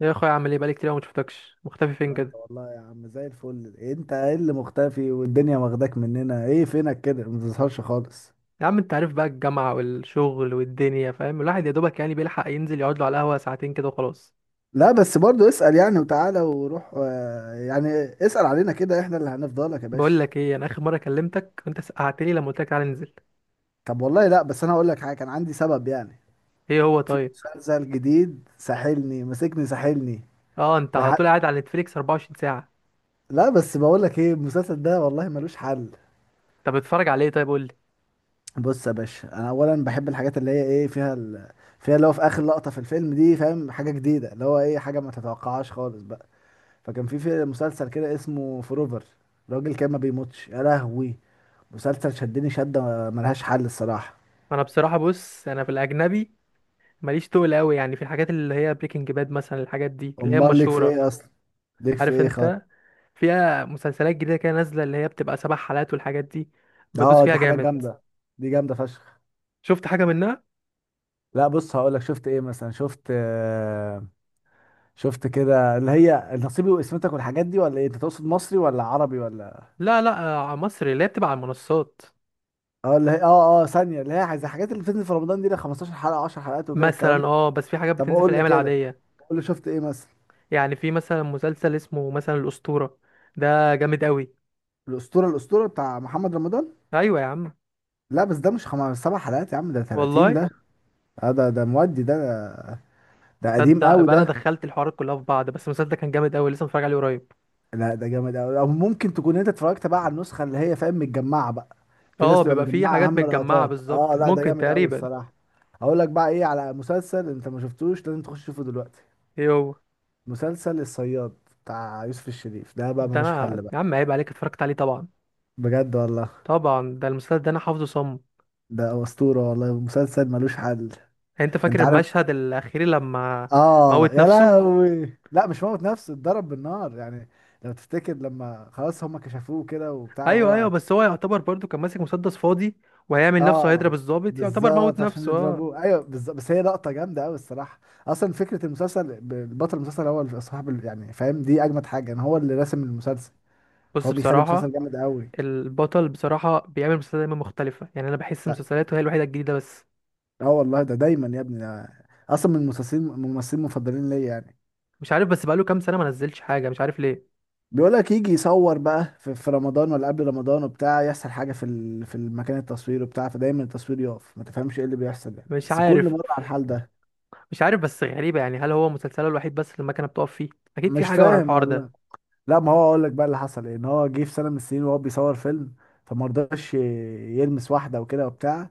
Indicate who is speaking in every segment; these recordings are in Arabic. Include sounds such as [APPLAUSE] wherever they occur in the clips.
Speaker 1: يا اخويا، عامل ايه؟ بقالي كتير أوي ما شفتكش، مختفي فين
Speaker 2: وانت
Speaker 1: كده؟
Speaker 2: والله يا عم زي الفل، انت ايه اللي مختفي والدنيا واخداك مننا؟ ايه فينك كده ما بتظهرش خالص؟
Speaker 1: يا عم انت عارف بقى الجامعه والشغل والدنيا، فاهم، الواحد يا دوبك يعني بيلحق ينزل يقعد له على القهوه ساعتين كده وخلاص.
Speaker 2: لا بس برضو اسأل يعني وتعالى وروح يعني اسأل علينا كده، احنا اللي هنفضلك يا
Speaker 1: بقول
Speaker 2: باشا.
Speaker 1: لك ايه، انا اخر مره كلمتك وانت سقعت لي لما قلت لك تعالى ننزل.
Speaker 2: طب والله لا، بس انا هقول لك حاجة، كان عندي سبب يعني.
Speaker 1: ايه هو
Speaker 2: في
Speaker 1: طيب؟
Speaker 2: مسلسل جديد ساحلني مسكني ساحلني
Speaker 1: اه، انت على
Speaker 2: لحد.
Speaker 1: طول قاعد على نتفليكس 24 ساعه.
Speaker 2: لا بس بقول لك ايه؟ المسلسل ده والله ملوش حل.
Speaker 1: طب بتتفرج على ايه طيب؟ قول لي.
Speaker 2: بص يا باشا، انا اولا بحب الحاجات اللي هي ايه فيها فيها اللي هو في اخر لقطة في الفيلم دي، فاهم؟ حاجة جديدة اللي هو ايه، حاجة ما تتوقعهاش خالص بقى. فكان في مسلسل كده اسمه فروفر، راجل كان ما بيموتش، يا لهوي! مسلسل شدني شدة ملهاش حل الصراحة.
Speaker 1: انا بصراحه بص، انا في الاجنبي ماليش تقل قوي، يعني في الحاجات اللي هي بريكنج باد مثلا، الحاجات دي اللي هي
Speaker 2: امال ليك في
Speaker 1: مشهوره.
Speaker 2: ايه اصلا؟ ليك في
Speaker 1: عارف
Speaker 2: ايه
Speaker 1: انت،
Speaker 2: خالص؟
Speaker 1: فيها مسلسلات جديده كده نازله اللي هي بتبقى سبع حلقات والحاجات دي، بدوس
Speaker 2: اه
Speaker 1: فيها
Speaker 2: دي حاجات
Speaker 1: جامد.
Speaker 2: جامدة، دي جامدة فشخ.
Speaker 1: شفت حاجه منها؟
Speaker 2: لا بص، هقول لك شفت ايه مثلا، شفت كده اللي هي نصيبي وقسمتك والحاجات دي، ولا ايه؟ انت تقصد مصري ولا عربي ولا...
Speaker 1: لا لا. مصر اللي هي بتبقى على المنصات
Speaker 2: اه اللي هي ثانية، اللي هي زي الحاجات اللي بتنزل في رمضان، دي لها 15 حلقة، 10 حلقات وكده الكلام
Speaker 1: مثلا،
Speaker 2: ده.
Speaker 1: اه. بس في حاجات
Speaker 2: طب
Speaker 1: بتنزل في
Speaker 2: قول لي
Speaker 1: الايام
Speaker 2: كده،
Speaker 1: العاديه،
Speaker 2: قول لي شفت ايه مثلا.
Speaker 1: يعني في مثلا مسلسل اسمه مثلا الاسطوره. ده جامد قوي.
Speaker 2: الاسطورة، الاسطورة بتاع محمد رمضان؟
Speaker 1: ايوه يا عم.
Speaker 2: لا بس ده مش خمس سبع حلقات يا عم، ده 30
Speaker 1: والله
Speaker 2: ده. آه ده مودي ده، ده قديم
Speaker 1: تصدق
Speaker 2: قوي
Speaker 1: يبقى
Speaker 2: ده.
Speaker 1: انا دخلت الحوارات كلها في بعض، بس المسلسل ده كان جامد قوي، لسه متفرج عليه قريب.
Speaker 2: لا ده جامد قوي، او ممكن تكون انت اتفرجت بقى على النسخه اللي هي، فاهم، متجمعه بقى. في ناس
Speaker 1: اه
Speaker 2: بتبقى
Speaker 1: بيبقى فيه
Speaker 2: مجمعه
Speaker 1: حاجات
Speaker 2: اهم
Speaker 1: متجمعه
Speaker 2: لقطات. اه
Speaker 1: بالظبط،
Speaker 2: لا ده
Speaker 1: ممكن
Speaker 2: جامد قوي
Speaker 1: تقريبا.
Speaker 2: الصراحه. اقول لك بقى ايه؟ على مسلسل انت ما شفتوش، لازم تخش تشوفه دلوقتي.
Speaker 1: ايه هو؟
Speaker 2: مسلسل الصياد، بتاع يوسف الشريف ده بقى
Speaker 1: ده
Speaker 2: ملوش
Speaker 1: انا
Speaker 2: حل بقى.
Speaker 1: يا عم عيب عليك اتفرجت عليه طبعا.
Speaker 2: بجد والله،
Speaker 1: طبعا ده المسلسل ده انا حافظه صم.
Speaker 2: ده اسطوره والله، مسلسل ملوش حل.
Speaker 1: انت
Speaker 2: انت
Speaker 1: فاكر
Speaker 2: عارف،
Speaker 1: المشهد الاخير لما؟
Speaker 2: اه
Speaker 1: موت
Speaker 2: يا
Speaker 1: نفسه.
Speaker 2: لهوي، لا مش موت نفسه، اتضرب بالنار يعني. لو تفتكر لما خلاص هم كشفوه كده وبتاع
Speaker 1: ايوه ايوه،
Speaker 2: وهو...
Speaker 1: بس هو يعتبر برضو كان ماسك مسدس فاضي وهيعمل نفسه
Speaker 2: اه
Speaker 1: هيضرب الضابط، يعتبر موت
Speaker 2: بالظبط، عشان
Speaker 1: نفسه اه.
Speaker 2: يضربوه، ايوه بالظبط، بس هي لقطه جامده قوي الصراحه. اصلا فكره المسلسل، البطل المسلسل هو اللي صاحب يعني فاهم؟ دي اجمد حاجه، ان هو اللي راسم المسلسل،
Speaker 1: بص
Speaker 2: فهو بيخلي المسلسل
Speaker 1: بصراحة،
Speaker 2: جامد قوي.
Speaker 1: البطل بصراحة بيعمل مسلسلات دايما مختلفة، يعني انا بحس
Speaker 2: لا،
Speaker 1: مسلسلاته هي الوحيدة الجديدة بس.
Speaker 2: اه والله ده دايما يا ابني ده. اصلا من الممثلين المفضلين ليا يعني.
Speaker 1: مش عارف، بس بقاله كام سنة ما نزلش حاجة، مش عارف ليه.
Speaker 2: بيقولك يجي يصور بقى في رمضان ولا قبل رمضان وبتاع، يحصل حاجة في في المكان التصوير وبتاع، فدايما التصوير يقف ما تفهمش ايه اللي بيحصل يعني،
Speaker 1: مش
Speaker 2: بس كل
Speaker 1: عارف
Speaker 2: مرة على الحال ده.
Speaker 1: مش عارف، بس غريبة يعني، هل هو مسلسله الوحيد بس اللي المكنة بتقف فيه؟ اكيد في
Speaker 2: مش
Speaker 1: حاجة ورا
Speaker 2: فاهم
Speaker 1: الحوار ده.
Speaker 2: والله. لا ما هو اقول لك بقى اللي حصل ايه، ان هو جه في سنة من السنين وهو بيصور فيلم، فما رضاش يلمس واحدة وكده وبتاع.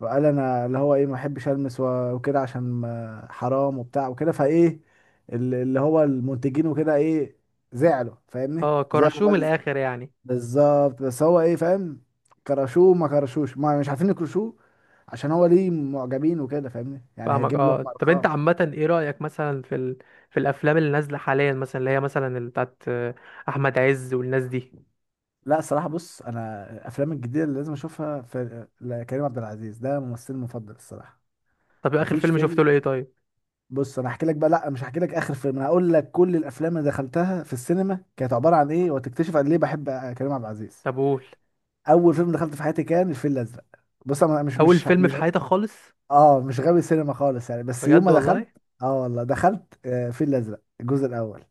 Speaker 2: فقال انا اللي هو ايه، ما احبش المس وكده عشان حرام وبتاع وكده، فايه اللي هو المنتجين وكده ايه، زعلوا فاهمني،
Speaker 1: اه
Speaker 2: زعلوا
Speaker 1: كرشوه
Speaker 2: بقى.
Speaker 1: من الاخر يعني.
Speaker 2: بالظبط، بس هو ايه فاهم، كرشوه ما كرشوش، ما مش عارفين يكرشوه عشان هو ليه معجبين وكده فاهمني، يعني
Speaker 1: فاهمك.
Speaker 2: هيجيب لهم
Speaker 1: اه طب انت
Speaker 2: ارقام.
Speaker 1: عامة ايه رأيك مثلا في الافلام اللي نازلة حاليا مثلا، اللي هي مثلا اللي بتاعت احمد عز والناس دي.
Speaker 2: لا الصراحه بص، انا الافلام الجديده اللي لازم اشوفها في كريم عبد العزيز، ده ممثلي المفضل الصراحه.
Speaker 1: طب اخر
Speaker 2: مفيش
Speaker 1: فيلم شفت
Speaker 2: فيلم.
Speaker 1: له ايه طيب؟
Speaker 2: بص انا هحكي لك بقى، لا مش هحكي لك اخر فيلم، انا هقول لك كل الافلام اللي دخلتها في السينما كانت عباره عن ايه، وتكتشف قد ليه بحب كريم عبد العزيز.
Speaker 1: طب قول.
Speaker 2: اول فيلم دخلت في حياتي كان الفيل الازرق. بص انا مش
Speaker 1: اول
Speaker 2: مش
Speaker 1: فيلم في
Speaker 2: مش
Speaker 1: حياتك خالص؟
Speaker 2: اه مش غاوي سينما خالص يعني، بس يوم
Speaker 1: بجد
Speaker 2: ما دخلت.
Speaker 1: والله.
Speaker 2: اه والله دخلت الفيل الازرق الجزء الاول،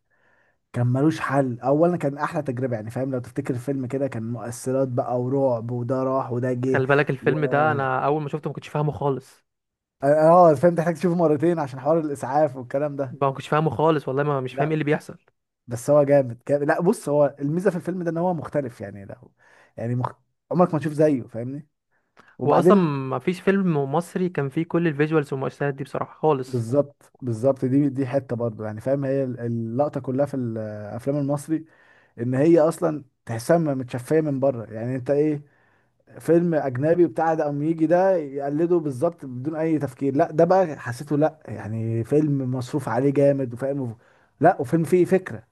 Speaker 2: كان ملوش حل. اولا كان احلى تجربه يعني فاهم، لو تفتكر الفيلم كده كان مؤثرات بقى ورعب، وده راح وده جه
Speaker 1: خلي بالك
Speaker 2: و...
Speaker 1: الفيلم ده انا اول ما شفته ما كنتش فاهمه خالص.
Speaker 2: اه فاهم، تحتاج تشوفه مرتين عشان حوار الاسعاف والكلام ده.
Speaker 1: ما كنتش فاهمه خالص والله، ما مش فاهم ايه
Speaker 2: لا
Speaker 1: اللي بيحصل.
Speaker 2: بس هو جامد جامد. لا بص، هو الميزه في الفيلم ده ان هو مختلف يعني، لا هو- يعني مخ... عمرك ما تشوف زيه فاهمني.
Speaker 1: هو اصلا
Speaker 2: وبعدين...
Speaker 1: ما فيش فيلم مصري كان فيه كل الفيجوالز والمؤثرات دي بصراحه خالص.
Speaker 2: بالظبط بالظبط، دي حته برضه يعني فاهم، هي اللقطه كلها في الافلام المصري، ان هي اصلا تحسها متشفيه من بره يعني. انت ايه فيلم اجنبي بتاع ده، قام يجي ده يقلده بالظبط بدون اي تفكير، لا ده بقى حسيته، لا يعني فيلم مصروف عليه جامد وفاهم. لا، وفيلم فيه فكره.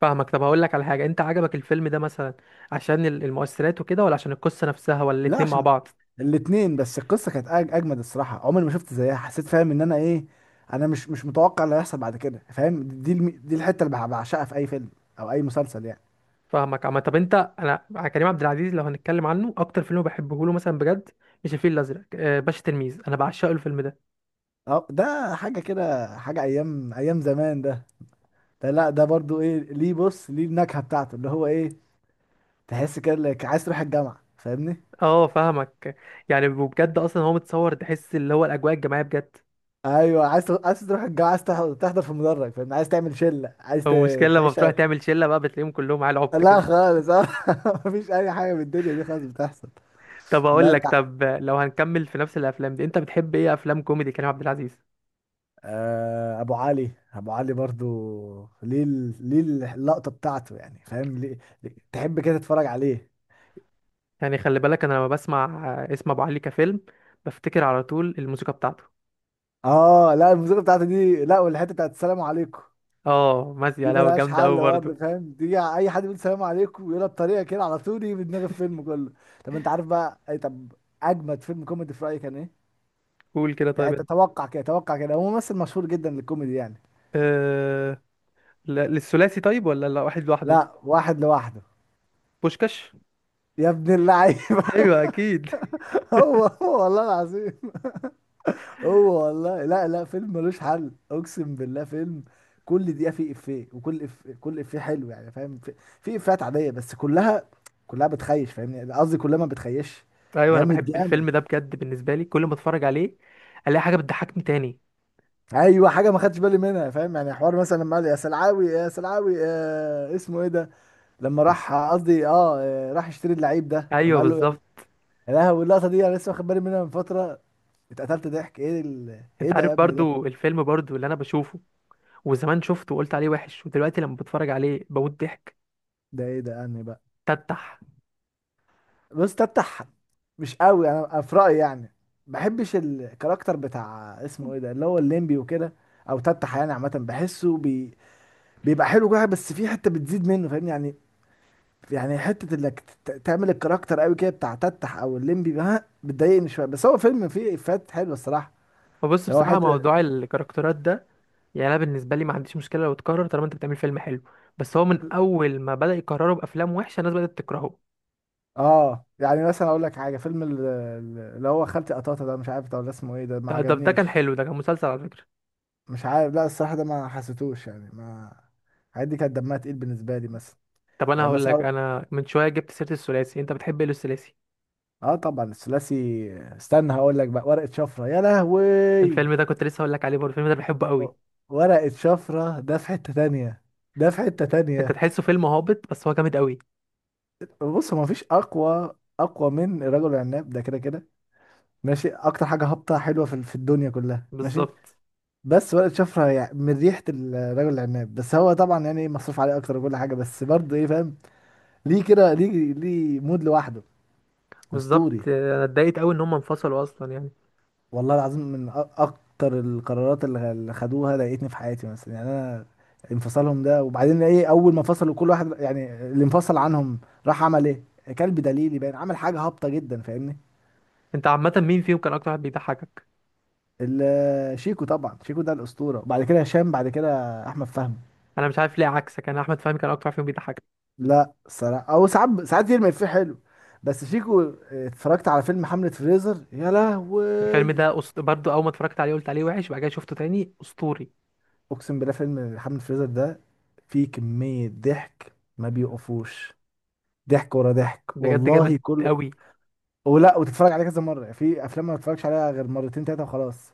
Speaker 1: فاهمك. طب هقول لك على حاجه، انت عجبك الفيلم ده مثلا عشان المؤثرات وكده، ولا عشان القصه نفسها، ولا
Speaker 2: لا
Speaker 1: الاتنين مع
Speaker 2: عشان
Speaker 1: بعض؟
Speaker 2: الاتنين، بس القصه كانت اجمد الصراحه، عمري ما شفت زيها، حسيت فاهم ان انا ايه، انا مش مش متوقع اللي هيحصل بعد كده فاهم. دي دي الحته اللي بعشقها في اي فيلم او اي مسلسل يعني.
Speaker 1: فاهمك عم. طب انت، انا كريم عبد العزيز لو هنتكلم عنه اكتر فيلم بحبه له مثلا بجد مش الفيل الازرق، باشا تلميذ، انا بعشقه الفيلم ده.
Speaker 2: اه ده حاجه كده، حاجه ايام ايام زمان ده. لا ده برضو ايه، ليه؟ بص ليه النكهه بتاعته اللي هو ايه، تحس كده انك عايز تروح الجامعه فاهمني.
Speaker 1: اه فاهمك. يعني وبجد اصلا هو متصور تحس اللي هو الاجواء الجماعيه بجد.
Speaker 2: ايوه عايز عايز تروح الجامعه، عايز تحضر في مدرج فاهمني، عايز تعمل شله، عايز
Speaker 1: هو المشكله لما
Speaker 2: تعيش.
Speaker 1: بتروح تعمل شله بقى بتلاقيهم كلهم على عبط
Speaker 2: لا
Speaker 1: كده.
Speaker 2: خالص! اه [LAUGHS] مفيش اي حاجه من الدنيا دي خالص بتحصل.
Speaker 1: [LAUGHS] طب
Speaker 2: لا
Speaker 1: اقول
Speaker 2: انت،
Speaker 1: لك، طب لو هنكمل في نفس الافلام دي، انت بتحب ايه افلام كوميدي كريم عبد العزيز؟
Speaker 2: آه ابو علي، ابو علي برضو، ليه ليه اللقطه بتاعته يعني فاهم، تحب كده تتفرج عليه.
Speaker 1: يعني خلي بالك انا لما بسمع اسم ابو علي كفيلم بفتكر على طول الموسيقى بتاعته.
Speaker 2: اه لا الموسيقى بتاعته دي، لا، والحته بتاعت السلام عليكم،
Speaker 1: اه مازية
Speaker 2: دي
Speaker 1: لو
Speaker 2: ملهاش
Speaker 1: جامده
Speaker 2: حل
Speaker 1: قوي
Speaker 2: برضه
Speaker 1: برضه.
Speaker 2: فاهم. دي اي حد بيقول سلام عليكم ويقولها بطريقه كده، على طول يجي في دماغ الفيلم كله. طب انت عارف بقى اي... طب اجمد فيلم كوميدي في رايك كان ايه؟
Speaker 1: قول كده طيب
Speaker 2: يعني
Speaker 1: انت.
Speaker 2: تتوقع كده، توقع كده، هو ممثل مشهور جدا للكوميدي يعني.
Speaker 1: أه... لا- للثلاثي طيب؟ ولا لا واحد لوحده؟
Speaker 2: لا واحد لوحده.
Speaker 1: بوشكاش.
Speaker 2: يا ابن اللعيبه!
Speaker 1: [LAUGHS] ايوه اكيد.
Speaker 2: [LAUGHS] هو هو والله العظيم، هو والله. لا لا فيلم ملوش حل، اقسم بالله فيلم، كل دقيقه فيه افيه، كل افيه حلو يعني فاهم، في افيهات عاديه بس كلها، كلها بتخيش فاهمني، قصدي كلها ما بتخيش.
Speaker 1: ايوه انا
Speaker 2: جامد
Speaker 1: بحب
Speaker 2: جامد.
Speaker 1: الفيلم ده بجد، بالنسبه لي كل ما اتفرج عليه الاقي حاجه بتضحكني تاني.
Speaker 2: ايوه حاجه ما خدتش بالي منها فاهم. يعني حوار مثلا لما قال يا سلعاوي يا سلعاوي، آه اسمه ايه ده، لما راح قصدي راح يشتري اللعيب ده اما
Speaker 1: ايوه
Speaker 2: قال له يعني.
Speaker 1: بالظبط.
Speaker 2: يا لهوي اللقطه دي انا لسه واخد بالي منها من فتره، اتقتلت ضحك! ايه ايه
Speaker 1: انت
Speaker 2: ده
Speaker 1: عارف
Speaker 2: يا ابني ده؟
Speaker 1: برضو الفيلم برضو اللي انا بشوفه وزمان شفته وقلت عليه وحش، ودلوقتي لما بتفرج عليه بموت ضحك.
Speaker 2: ده ايه ده يعني بقى؟
Speaker 1: تتح.
Speaker 2: بص، تفتح، مش قوي انا في رايي يعني، ما بحبش الكاركتر بتاع اسمه ايه ده اللي هو الليمبي وكده. او تفتح يعني عامه بحسه بيبقى حلو كده، بس في حته بتزيد منه فاهمني يعني. يعني حته انك تعمل الكاركتر قوي كده بتاع تتح او الليمبي بقى، بتضايقني شويه. بس هو فيلم فيه افيهات حلوه الصراحه.
Speaker 1: فبص
Speaker 2: هو
Speaker 1: بصراحه
Speaker 2: حته،
Speaker 1: موضوع الكاركترات ده، يعني انا بالنسبه لي ما عنديش مشكله لو اتكرر طالما انت بتعمل فيلم حلو، بس هو من اول ما بدا يكرره بافلام وحشه الناس بدات تكرهه.
Speaker 2: اه يعني مثلا اقول لك حاجه، فيلم اللي هو خالتي قطاطه ده، مش عارف ده ولا اسمه ايه ده، ما
Speaker 1: ده كان
Speaker 2: عجبنيش.
Speaker 1: حلو، ده كان مسلسل على فكره.
Speaker 2: مش عارف، لا الصراحه ده ما حسيتوش يعني ما... الحاجات دي كانت دمها تقيل بالنسبه لي مثلا.
Speaker 1: طب انا
Speaker 2: يعني
Speaker 1: هقول لك،
Speaker 2: مثلا،
Speaker 1: انا من شويه جبت سيره الثلاثي، انت بتحب ايه الثلاثي؟
Speaker 2: اه طبعا الثلاثي. استنى هقول لك بقى، ورقه شفره يا لهوي!
Speaker 1: الفيلم ده كنت لسه هقول لك عليه برضه، الفيلم ده بحبه قوي.
Speaker 2: ورقه شفره ده في حته تانية، ده في حته
Speaker 1: انت
Speaker 2: تانية.
Speaker 1: تحسه فيلم هابط بس هو جامد قوي.
Speaker 2: بص هو مفيش اقوى، من الرجل العناب ده، كده كده ماشي، اكتر حاجه هابطه حلوه في الدنيا كلها ماشي.
Speaker 1: بالظبط
Speaker 2: بس ورقه شفره يعني من ريحه الرجل العناب، بس هو طبعا يعني مصروف عليه اكتر وكل حاجه، بس برضه ايه فاهم، ليه كده؟ ليه مود لوحده؟ اسطوري
Speaker 1: بالظبط. انا اتضايقت قوي ان هم انفصلوا اصلا يعني.
Speaker 2: والله العظيم، اكتر القرارات اللي خدوها ضايقتني في حياتي مثلا يعني. انا انفصالهم ده، وبعدين ايه، اول ما فصلوا كل واحد يعني اللي انفصل عنهم راح عمل ايه؟ كلب دليلي باين، عمل حاجه هابطه جدا فاهمني.
Speaker 1: انت عامه مين فيهم كان اكتر واحد بيضحكك؟
Speaker 2: شيكو طبعا، شيكو ده الاسطوره، بعد كده هشام، بعد كده احمد فهمي.
Speaker 1: انا مش عارف ليه، عكسك، انا احمد فهمي كان اكتر واحد فيهم بيضحكك.
Speaker 2: لا صراحه، او ساعات يرمي فيه حلو. بس شيكو، اتفرجت على فيلم حملة فريزر يا
Speaker 1: الفيلم
Speaker 2: لهوي.
Speaker 1: ده برضو اول ما اتفرجت عليه قلت عليه وحش، بعد كده شفته تاني اسطوري
Speaker 2: اقسم بالله فيلم حملة فريزر ده فيه كميه ضحك ما بيوقفوش، ضحك ورا ضحك
Speaker 1: بجد، جامد
Speaker 2: والله كل...
Speaker 1: قوي.
Speaker 2: ولا وتتفرج عليه كذا مره، في افلام ما بتفرجش عليها غير مرتين تلاته وخلاص.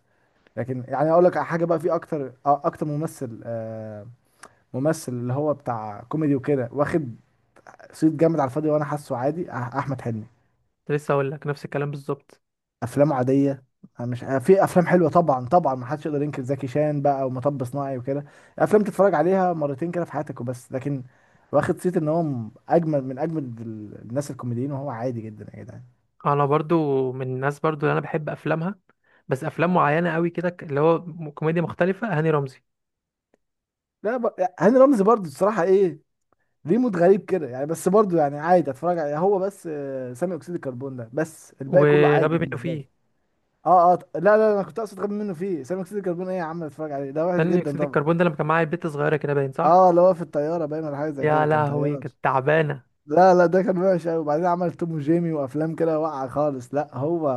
Speaker 2: لكن يعني اقول لك على حاجه بقى، في اكتر آه، اكتر ممثل ممثل اللي هو بتاع كوميدي وكده، واخد صيت جامد على الفاضي وانا حاسه عادي، احمد حلمي،
Speaker 1: لسه اقول لك نفس الكلام بالظبط.
Speaker 2: افلامه عاديه. مش في افلام حلوه، طبعا طبعا ما حدش يقدر ينكر زكي شان بقى ومطب صناعي وكده، افلام تتفرج عليها مرتين كده في حياتك وبس. لكن واخد صيت ان هو اجمل من اجمد الناس الكوميديين وهو عادي جدا يا جدعان.
Speaker 1: انا برضو من الناس برضو اللي انا بحب افلامها، بس افلام معينه قوي كده، كوميديا مختلفه، هاني رمزي.
Speaker 2: لا يعني هاني رمزي برضه الصراحه ايه، ليه مود غريب كده يعني، بس برضه يعني عادي اتفرج عليه، هو بس ثاني اكسيد الكربون ده، بس الباقي كله عادي
Speaker 1: وغبي منه
Speaker 2: بالنسبه لي.
Speaker 1: فيه
Speaker 2: اه لا لا انا كنت اقصد غبي منه فيه، ثاني اكسيد الكربون ايه يا عم، اتفرج عليه ده وحش
Speaker 1: ثاني
Speaker 2: جدا.
Speaker 1: اكسيد الكربون، ده لما كان معايا البت صغيره كده باين صح.
Speaker 2: اه اللي هو في الطياره باين، ولا حاجه زي
Speaker 1: يا
Speaker 2: كده كان
Speaker 1: لهوي،
Speaker 2: طيار.
Speaker 1: كانت تعبانة.
Speaker 2: لا لا ده كان وحش قوي، وبعدين عمل توم وجيمي وافلام كده واقعه خالص. لا هو،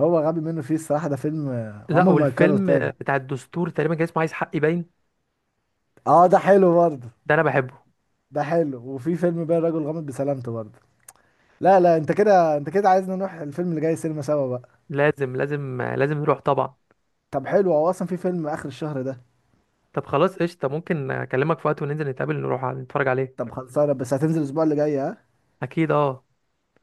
Speaker 2: هو غبي منه فيه الصراحه، ده فيلم
Speaker 1: لا،
Speaker 2: عمره ما يتكرر
Speaker 1: والفيلم
Speaker 2: تاني.
Speaker 1: بتاع الدستور تقريبا كان اسمه عايز حقي باين.
Speaker 2: اه ده حلو برضه،
Speaker 1: ده انا بحبه.
Speaker 2: ده حلو. وفي فيلم بقى الرجل غامض بسلامته برضه. لا لا انت كده، انت كده عايزنا نروح الفيلم اللي جاي سينما سوا بقى.
Speaker 1: لازم لازم لازم نروح طبعا.
Speaker 2: طب حلو، هو اصلا في فيلم اخر الشهر ده.
Speaker 1: طب خلاص قشطة، ممكن اكلمك في وقت وننزل نتقابل نروح نتفرج عليه.
Speaker 2: طب خلصانه، بس هتنزل الاسبوع اللي جاي ها؟
Speaker 1: اكيد اه.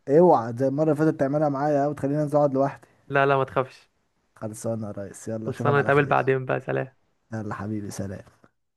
Speaker 2: اوعى زي المره اللي فاتت تعملها معايا وتخليني انزل اقعد لوحدي.
Speaker 1: لا لا، ما تخافش.
Speaker 2: خلصانه يا ريس، يلا اشوفك
Speaker 1: خلصانة،
Speaker 2: على
Speaker 1: نتقابل
Speaker 2: خير.
Speaker 1: بعدين بقى. سلام.
Speaker 2: يلا حبيبي سلام.